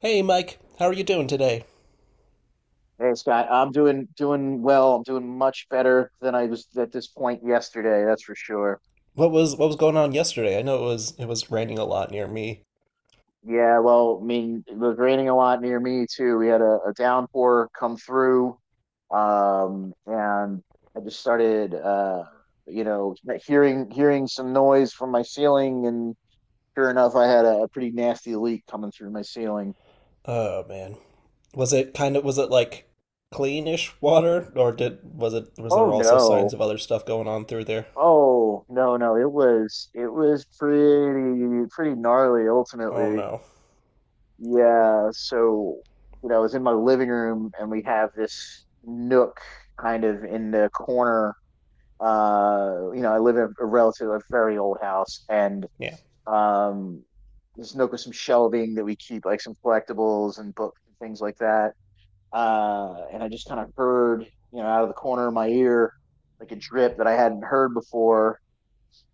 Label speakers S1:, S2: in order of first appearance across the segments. S1: Hey Mike, how are you doing today?
S2: Hey Scott, I'm doing well. I'm doing much better than I was at this point yesterday, that's for sure.
S1: What was going on yesterday? I know it was raining a lot near me.
S2: Yeah, well, I mean, it was raining a lot near me too. We had a downpour come through, and I just started, you know, hearing some noise from my ceiling, and sure enough, I had a pretty nasty leak coming through my ceiling.
S1: Oh man. Was it kind of, was it like cleanish water? Or did was it was there
S2: Oh
S1: also signs
S2: no.
S1: of other stuff going on through there?
S2: Oh no, no, it was pretty gnarly
S1: Oh
S2: ultimately.
S1: no.
S2: Yeah, so you know, I was in my living room and we have this nook kind of in the corner. You know, I live in a relative, a very old house, and
S1: Yeah,
S2: um, this nook with some shelving that we keep like some collectibles and books and things like that. And I just kind of heard, you know, out of the corner of my ear, like a drip that I hadn't heard before.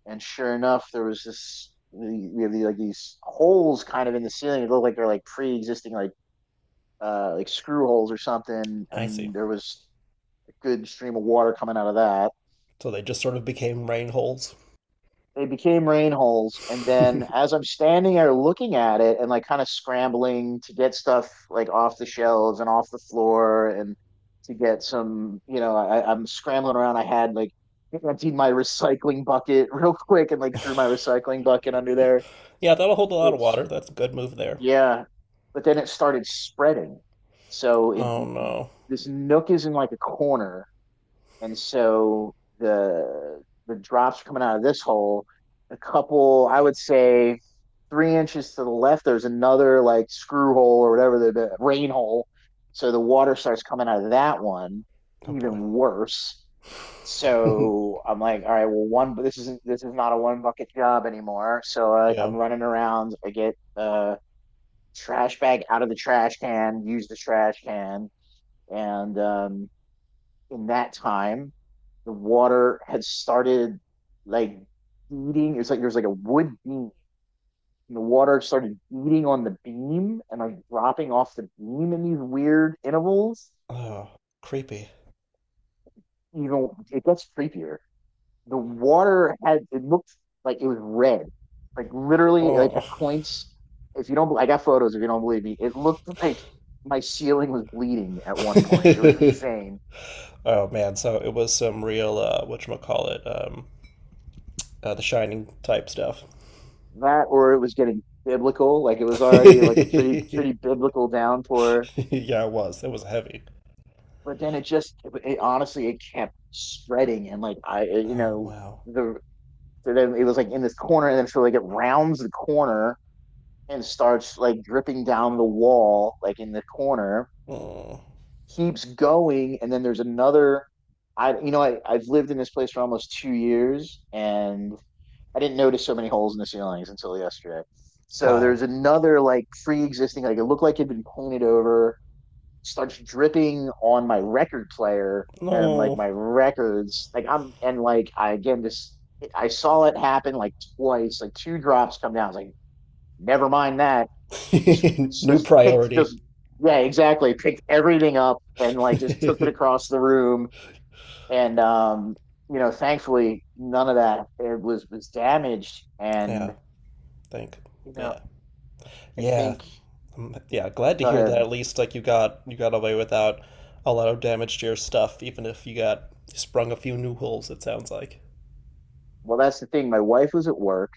S2: And sure enough, there was this. We have these, like these holes kind of in the ceiling. It looked like they're like pre-existing like screw holes or something,
S1: I see.
S2: and there was a good stream of water coming out of that.
S1: So they just sort of became rain holes.
S2: They became rain holes, and then as I'm standing there looking at it and like kind of scrambling to get stuff like off the shelves and off the floor and to get some, you know, I'm scrambling around. I had like emptied my recycling bucket real quick and like threw my recycling bucket under there.
S1: Yeah, that'll hold a lot of
S2: It's
S1: water. That's a good move there.
S2: yeah, but then it started spreading. So it
S1: Oh no.
S2: this nook is in like a corner. And so the the drops coming out of this hole, a couple, I would say 3 inches to the left, there's another like screw hole or whatever the rain hole. So the water starts coming out of that one,
S1: Oh boy.
S2: even worse. So I'm like, all right, well, one, this is not a one bucket job anymore. So like, I'm
S1: Yeah.
S2: running around. I get the trash bag out of the trash can, use the trash can, and in that time, the water had started like beating. It's like there's like a wood beam, and the water started beating on the beam and like dropping off the beam in these weird intervals.
S1: Oh, creepy.
S2: You know, it gets creepier. The water had it looked like it was red, like literally like
S1: Oh.
S2: at points. If you don't, I got photos. If you don't believe me, it looked like my ceiling was bleeding at one point. It was insane.
S1: Oh man, so it was some real whatchamacallit, the Shining type stuff.
S2: That or it was getting biblical like it was already like a
S1: Yeah,
S2: pretty biblical downpour,
S1: it was. It was heavy.
S2: but then it just it, it honestly it kept spreading and like I you
S1: Oh
S2: know
S1: wow.
S2: the so then it was like in this corner and then so like it rounds the corner and starts like dripping down the wall like in the corner,
S1: Mm,
S2: keeps going and then there's another I you know I've lived in this place for almost 2 years and I didn't notice so many holes in the ceilings until yesterday. So
S1: wow.
S2: there's another like pre-existing, like it looked like it had been painted over. Starts dripping on my record player and like
S1: No.
S2: my records. Like I'm and like I again just I saw it happen like twice, like two drops come down. I was like, never mind that. This
S1: New
S2: just picked
S1: priority.
S2: just yeah, exactly. Picked everything up and like just took it across the room. And you know, thankfully none of that it was damaged. And
S1: Yeah, think.
S2: you know,
S1: Yeah.
S2: I
S1: Yeah.
S2: think
S1: Yeah, glad to
S2: go
S1: hear that
S2: ahead.
S1: at least like you got, you got away without a lot of damage to your stuff, even if you got sprung a few new holes, it sounds like.
S2: Well, that's the thing. My wife was at work.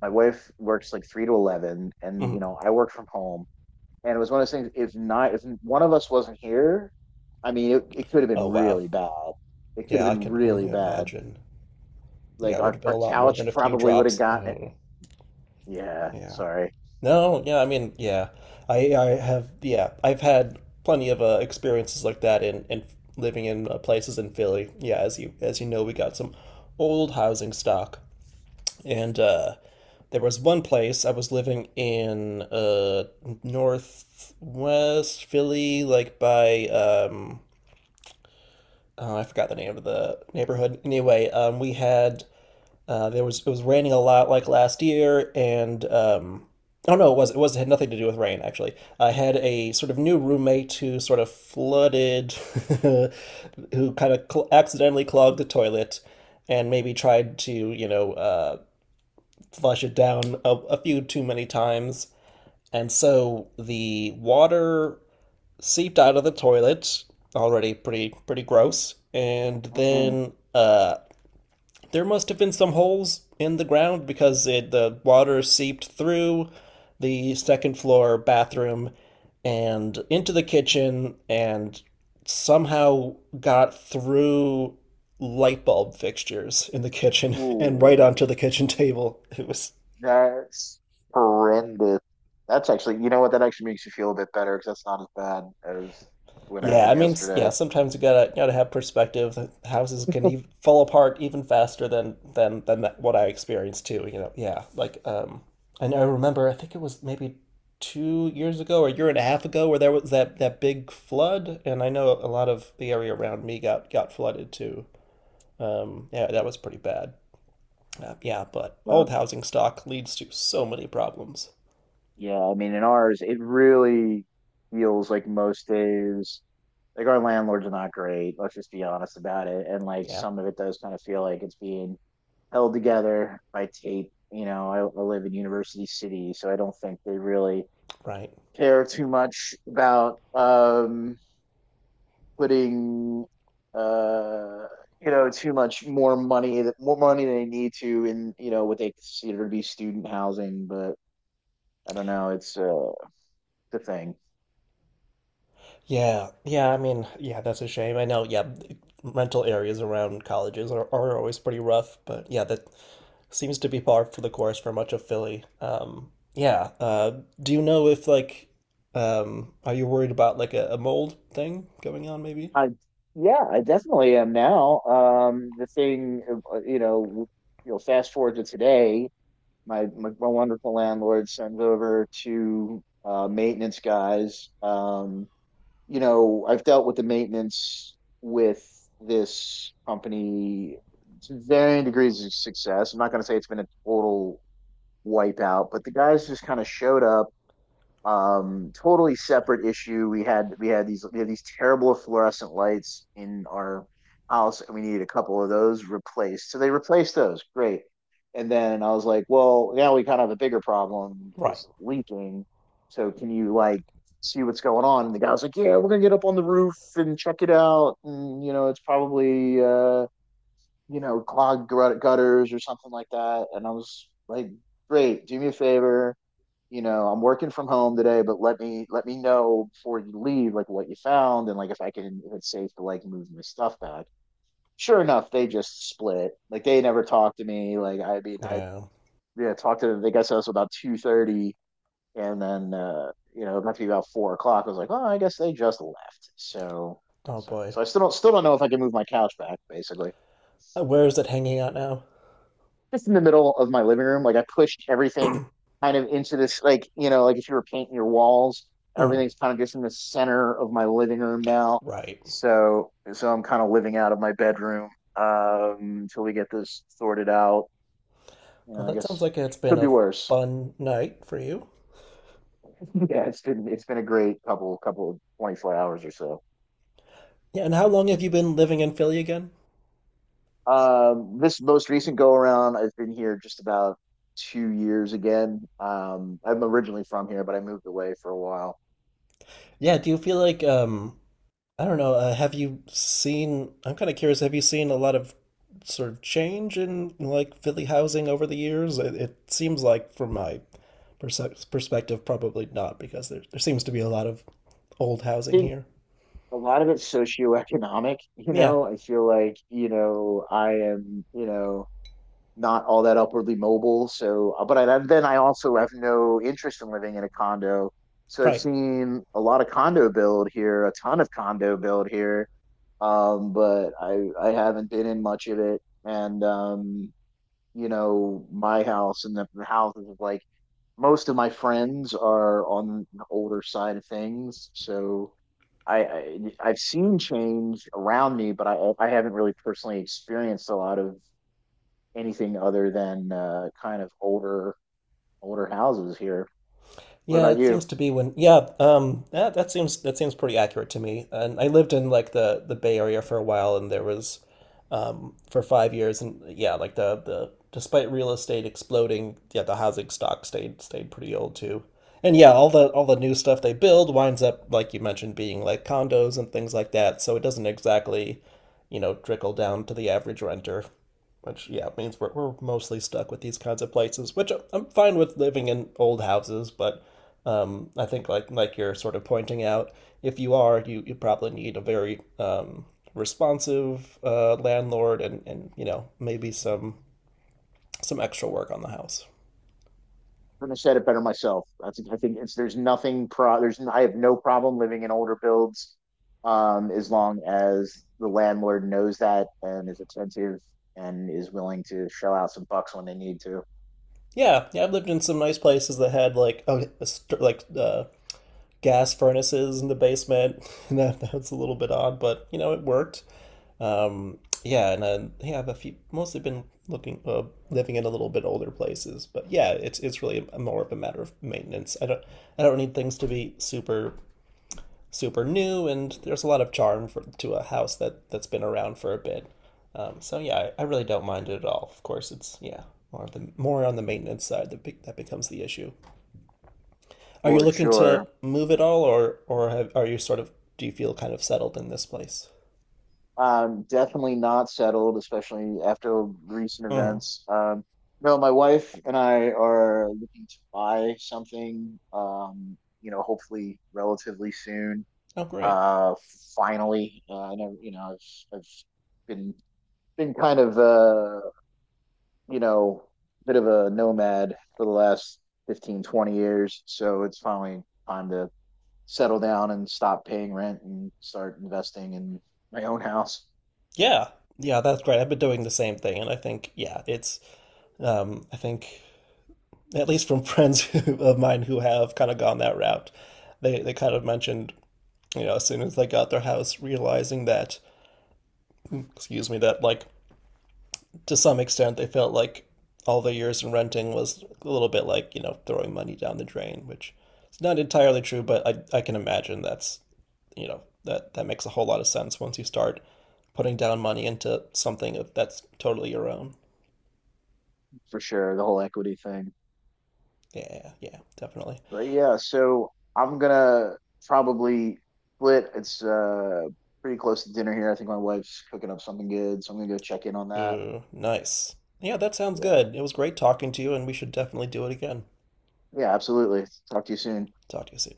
S2: My wife works like 3 to 11, and you
S1: Mhm.
S2: know, I work from home. And it was one of those things. If not, if one of us wasn't here, I mean, it could have
S1: Oh
S2: been
S1: wow.
S2: really bad. It could have
S1: Yeah, I
S2: been
S1: can
S2: really
S1: only
S2: bad.
S1: imagine. Yeah,
S2: Like
S1: it would have been a
S2: our
S1: lot more than
S2: couch
S1: a few
S2: probably would have
S1: drops.
S2: gotten it.
S1: Oh,
S2: Yeah,
S1: yeah.
S2: sorry.
S1: No, yeah, I mean, yeah. I've had plenty of experiences like that in living in places in Philly. Yeah, as you know, we got some old housing stock, and there was one place I was living in northwest Philly, like by oh, I forgot the name of the neighborhood. Anyway, we had. There was it was raining a lot like last year, and oh no, it had nothing to do with rain actually. I had a sort of new roommate who sort of flooded, who kind of cl accidentally clogged the toilet, and maybe tried to, you know, flush it down a few too many times, and so the water seeped out of the toilet, already pretty gross, and
S2: Mhm.
S1: then there must have been some holes in the ground because the water seeped through the second floor bathroom and into the kitchen, and somehow got through light bulb fixtures in the kitchen and right
S2: Ooh,
S1: onto the kitchen table. It was.
S2: that's horrendous. That's actually, you know what? That actually makes you feel a bit better because that's not as bad as what
S1: Yeah,
S2: happened
S1: I mean, yeah,
S2: yesterday.
S1: sometimes you gotta, you gotta have perspective. The houses can even fall apart even faster than that, what I experienced too, you know. Yeah, like and I remember I think it was maybe 2 years ago or a year and a half ago where there was that big flood, and I know a lot of the area around me got flooded too. Yeah, that was pretty bad. Yeah, but
S2: Uh,
S1: old housing stock leads to so many problems.
S2: Yeah, I mean, in ours, it really feels like most days, like our landlords are not great. Let's just be honest about it. And like
S1: Yeah,
S2: some of it does kind of feel like it's being held together by tape. You know, I live in University City, so I don't think they really
S1: right.
S2: care too much about putting uh you know too much more money that more money they need to in you know what they consider to be student housing. But I don't know, it's the thing.
S1: Yeah, yeah, I mean, yeah, that's a shame. I know, yeah, rental areas around colleges are always pretty rough, but yeah, that seems to be par for the course for much of Philly. Yeah, do you know if like, are you worried about like a mold thing going on maybe?
S2: I yeah, I definitely am now. The thing, you know, you'll fast forward to today. My wonderful landlord sends over to maintenance guys. You know, I've dealt with the maintenance with this company to varying degrees of success. I'm not going to say it's been a total wipeout, but the guys just kind of showed up totally separate issue we had these we had these terrible fluorescent lights in our house and we needed a couple of those replaced, so they replaced those great. And then I was like, well, now we kind of have a bigger problem with
S1: Right.
S2: this leaking, so can you like see what's going on. And the guy was like, yeah, we're gonna get up on the roof and check it out, and you know it's probably you know clogged gutters or something like that. And I was like great, do me a favor, you know, I'm working from home today, but let me know before you leave, like what you found and like if I can if it's safe to like move my stuff back. Sure enough, they just split. Like they never talked to me. Like I mean, I
S1: Yeah.
S2: yeah talked to them. They got to us about 2:30, and then you know it must be about 4 o'clock. I was like, oh, I guess they just left. So
S1: Oh
S2: so
S1: boy.
S2: so I still don't know if I can move my couch back. Basically,
S1: Where is it hanging out now?
S2: just in the middle of my living room. Like I pushed everything kind of into this, like, you know, like if you were painting your walls,
S1: Mhm.
S2: everything's kind of just in the center of my living room now.
S1: Right.
S2: So, so I'm kind of living out of my bedroom until we get this sorted out. You
S1: Well,
S2: know, I
S1: that sounds
S2: guess
S1: like it's been
S2: could be
S1: a
S2: worse.
S1: fun night for you.
S2: Yeah, it's been a great couple of 24 hours or so.
S1: Yeah, and how long have you been living in Philly again?
S2: This most recent go around, I've been here just about 2 years again. I'm originally from here, but I moved away for a while.
S1: Yeah, do you feel like I don't know. Have you seen? I'm kind of curious. Have you seen a lot of sort of change in like Philly housing over the years? It seems like, from my perspective, probably not, because there seems to be a lot of old
S2: I
S1: housing
S2: think
S1: here.
S2: a lot of it's socioeconomic, you
S1: Yeah,
S2: know. I feel like, you know, I am, you know, not all that upwardly mobile. So, but I, then I also have no interest in living in a condo. So I've
S1: right.
S2: seen a lot of condo build here, a ton of condo build here. But I haven't been in much of it. And you know, my house and the, houses of like most of my friends are on the older side of things. So I've seen change around me, but I haven't really personally experienced a lot of anything other than kind of older houses here. What
S1: Yeah,
S2: about
S1: it seems
S2: you?
S1: to be when, yeah, that that seems, that seems pretty accurate to me. And I lived in like the Bay Area for a while, and there was for 5 years, and yeah, like the despite real estate exploding, yeah, the housing stock stayed, stayed pretty old too. And yeah, all the new stuff they build winds up like you mentioned being like condos and things like that, so it doesn't exactly, you know, trickle down to the average renter, which yeah means we're mostly stuck with these kinds of places, which am fine with living in old houses, but I think like you're sort of pointing out, if you are you, you probably need a very responsive landlord, and you know maybe some extra work on the house.
S2: Couldn't have said it better myself. I think it's there's nothing pro there's I have no problem living in older builds, as long as the landlord knows that and is attentive and is willing to shell out some bucks when they need to,
S1: Yeah, yeah, I've lived in some nice places that had like a like gas furnaces in the basement. That, that's a little bit odd, but you know it worked. Um, yeah, and yeah, I've a few, mostly been looking living in a little bit older places, but yeah, it's really a, more of a matter of maintenance. I don't need things to be super super new, and there's a lot of charm for, to a house that that's been around for a bit. So yeah, I really don't mind it at all. Of course, it's yeah more of the more on the maintenance side that that becomes the issue. Are you
S2: for
S1: looking
S2: sure.
S1: to move at all, or have, are you sort of, do you feel kind of settled in this place?
S2: Definitely not settled, especially after recent
S1: Hmm.
S2: events. No, my wife and I are looking to buy something, you know, hopefully relatively soon.
S1: Oh, great.
S2: Uh, finally, I know you know I've been been kind of you know bit of a nomad for the last 15 20 years, so it's finally time to settle down and stop paying rent and start investing in my own house
S1: Yeah, yeah, that's great. I've been doing the same thing, and I think yeah, it's I think at least from friends who, of mine who have kind of gone that route, they kind of mentioned, you know, as soon as they got their house, realizing that, excuse me, that like to some extent, they felt like all the years in renting was a little bit like, you know, throwing money down the drain, which is not entirely true, but I can imagine that's, you know, that, that makes a whole lot of sense once you start putting down money into something that's totally your own.
S2: for sure. The whole equity thing,
S1: Yeah, yeah, definitely.
S2: but yeah, so I'm gonna probably split. It's pretty close to dinner here. I think my wife's cooking up something good, so I'm gonna go check in on that.
S1: Ooh, nice. Yeah, that sounds
S2: Yeah.
S1: good. It was great talking to you, and we should definitely do it again.
S2: Yeah, absolutely. Talk to you soon.
S1: Talk to you soon.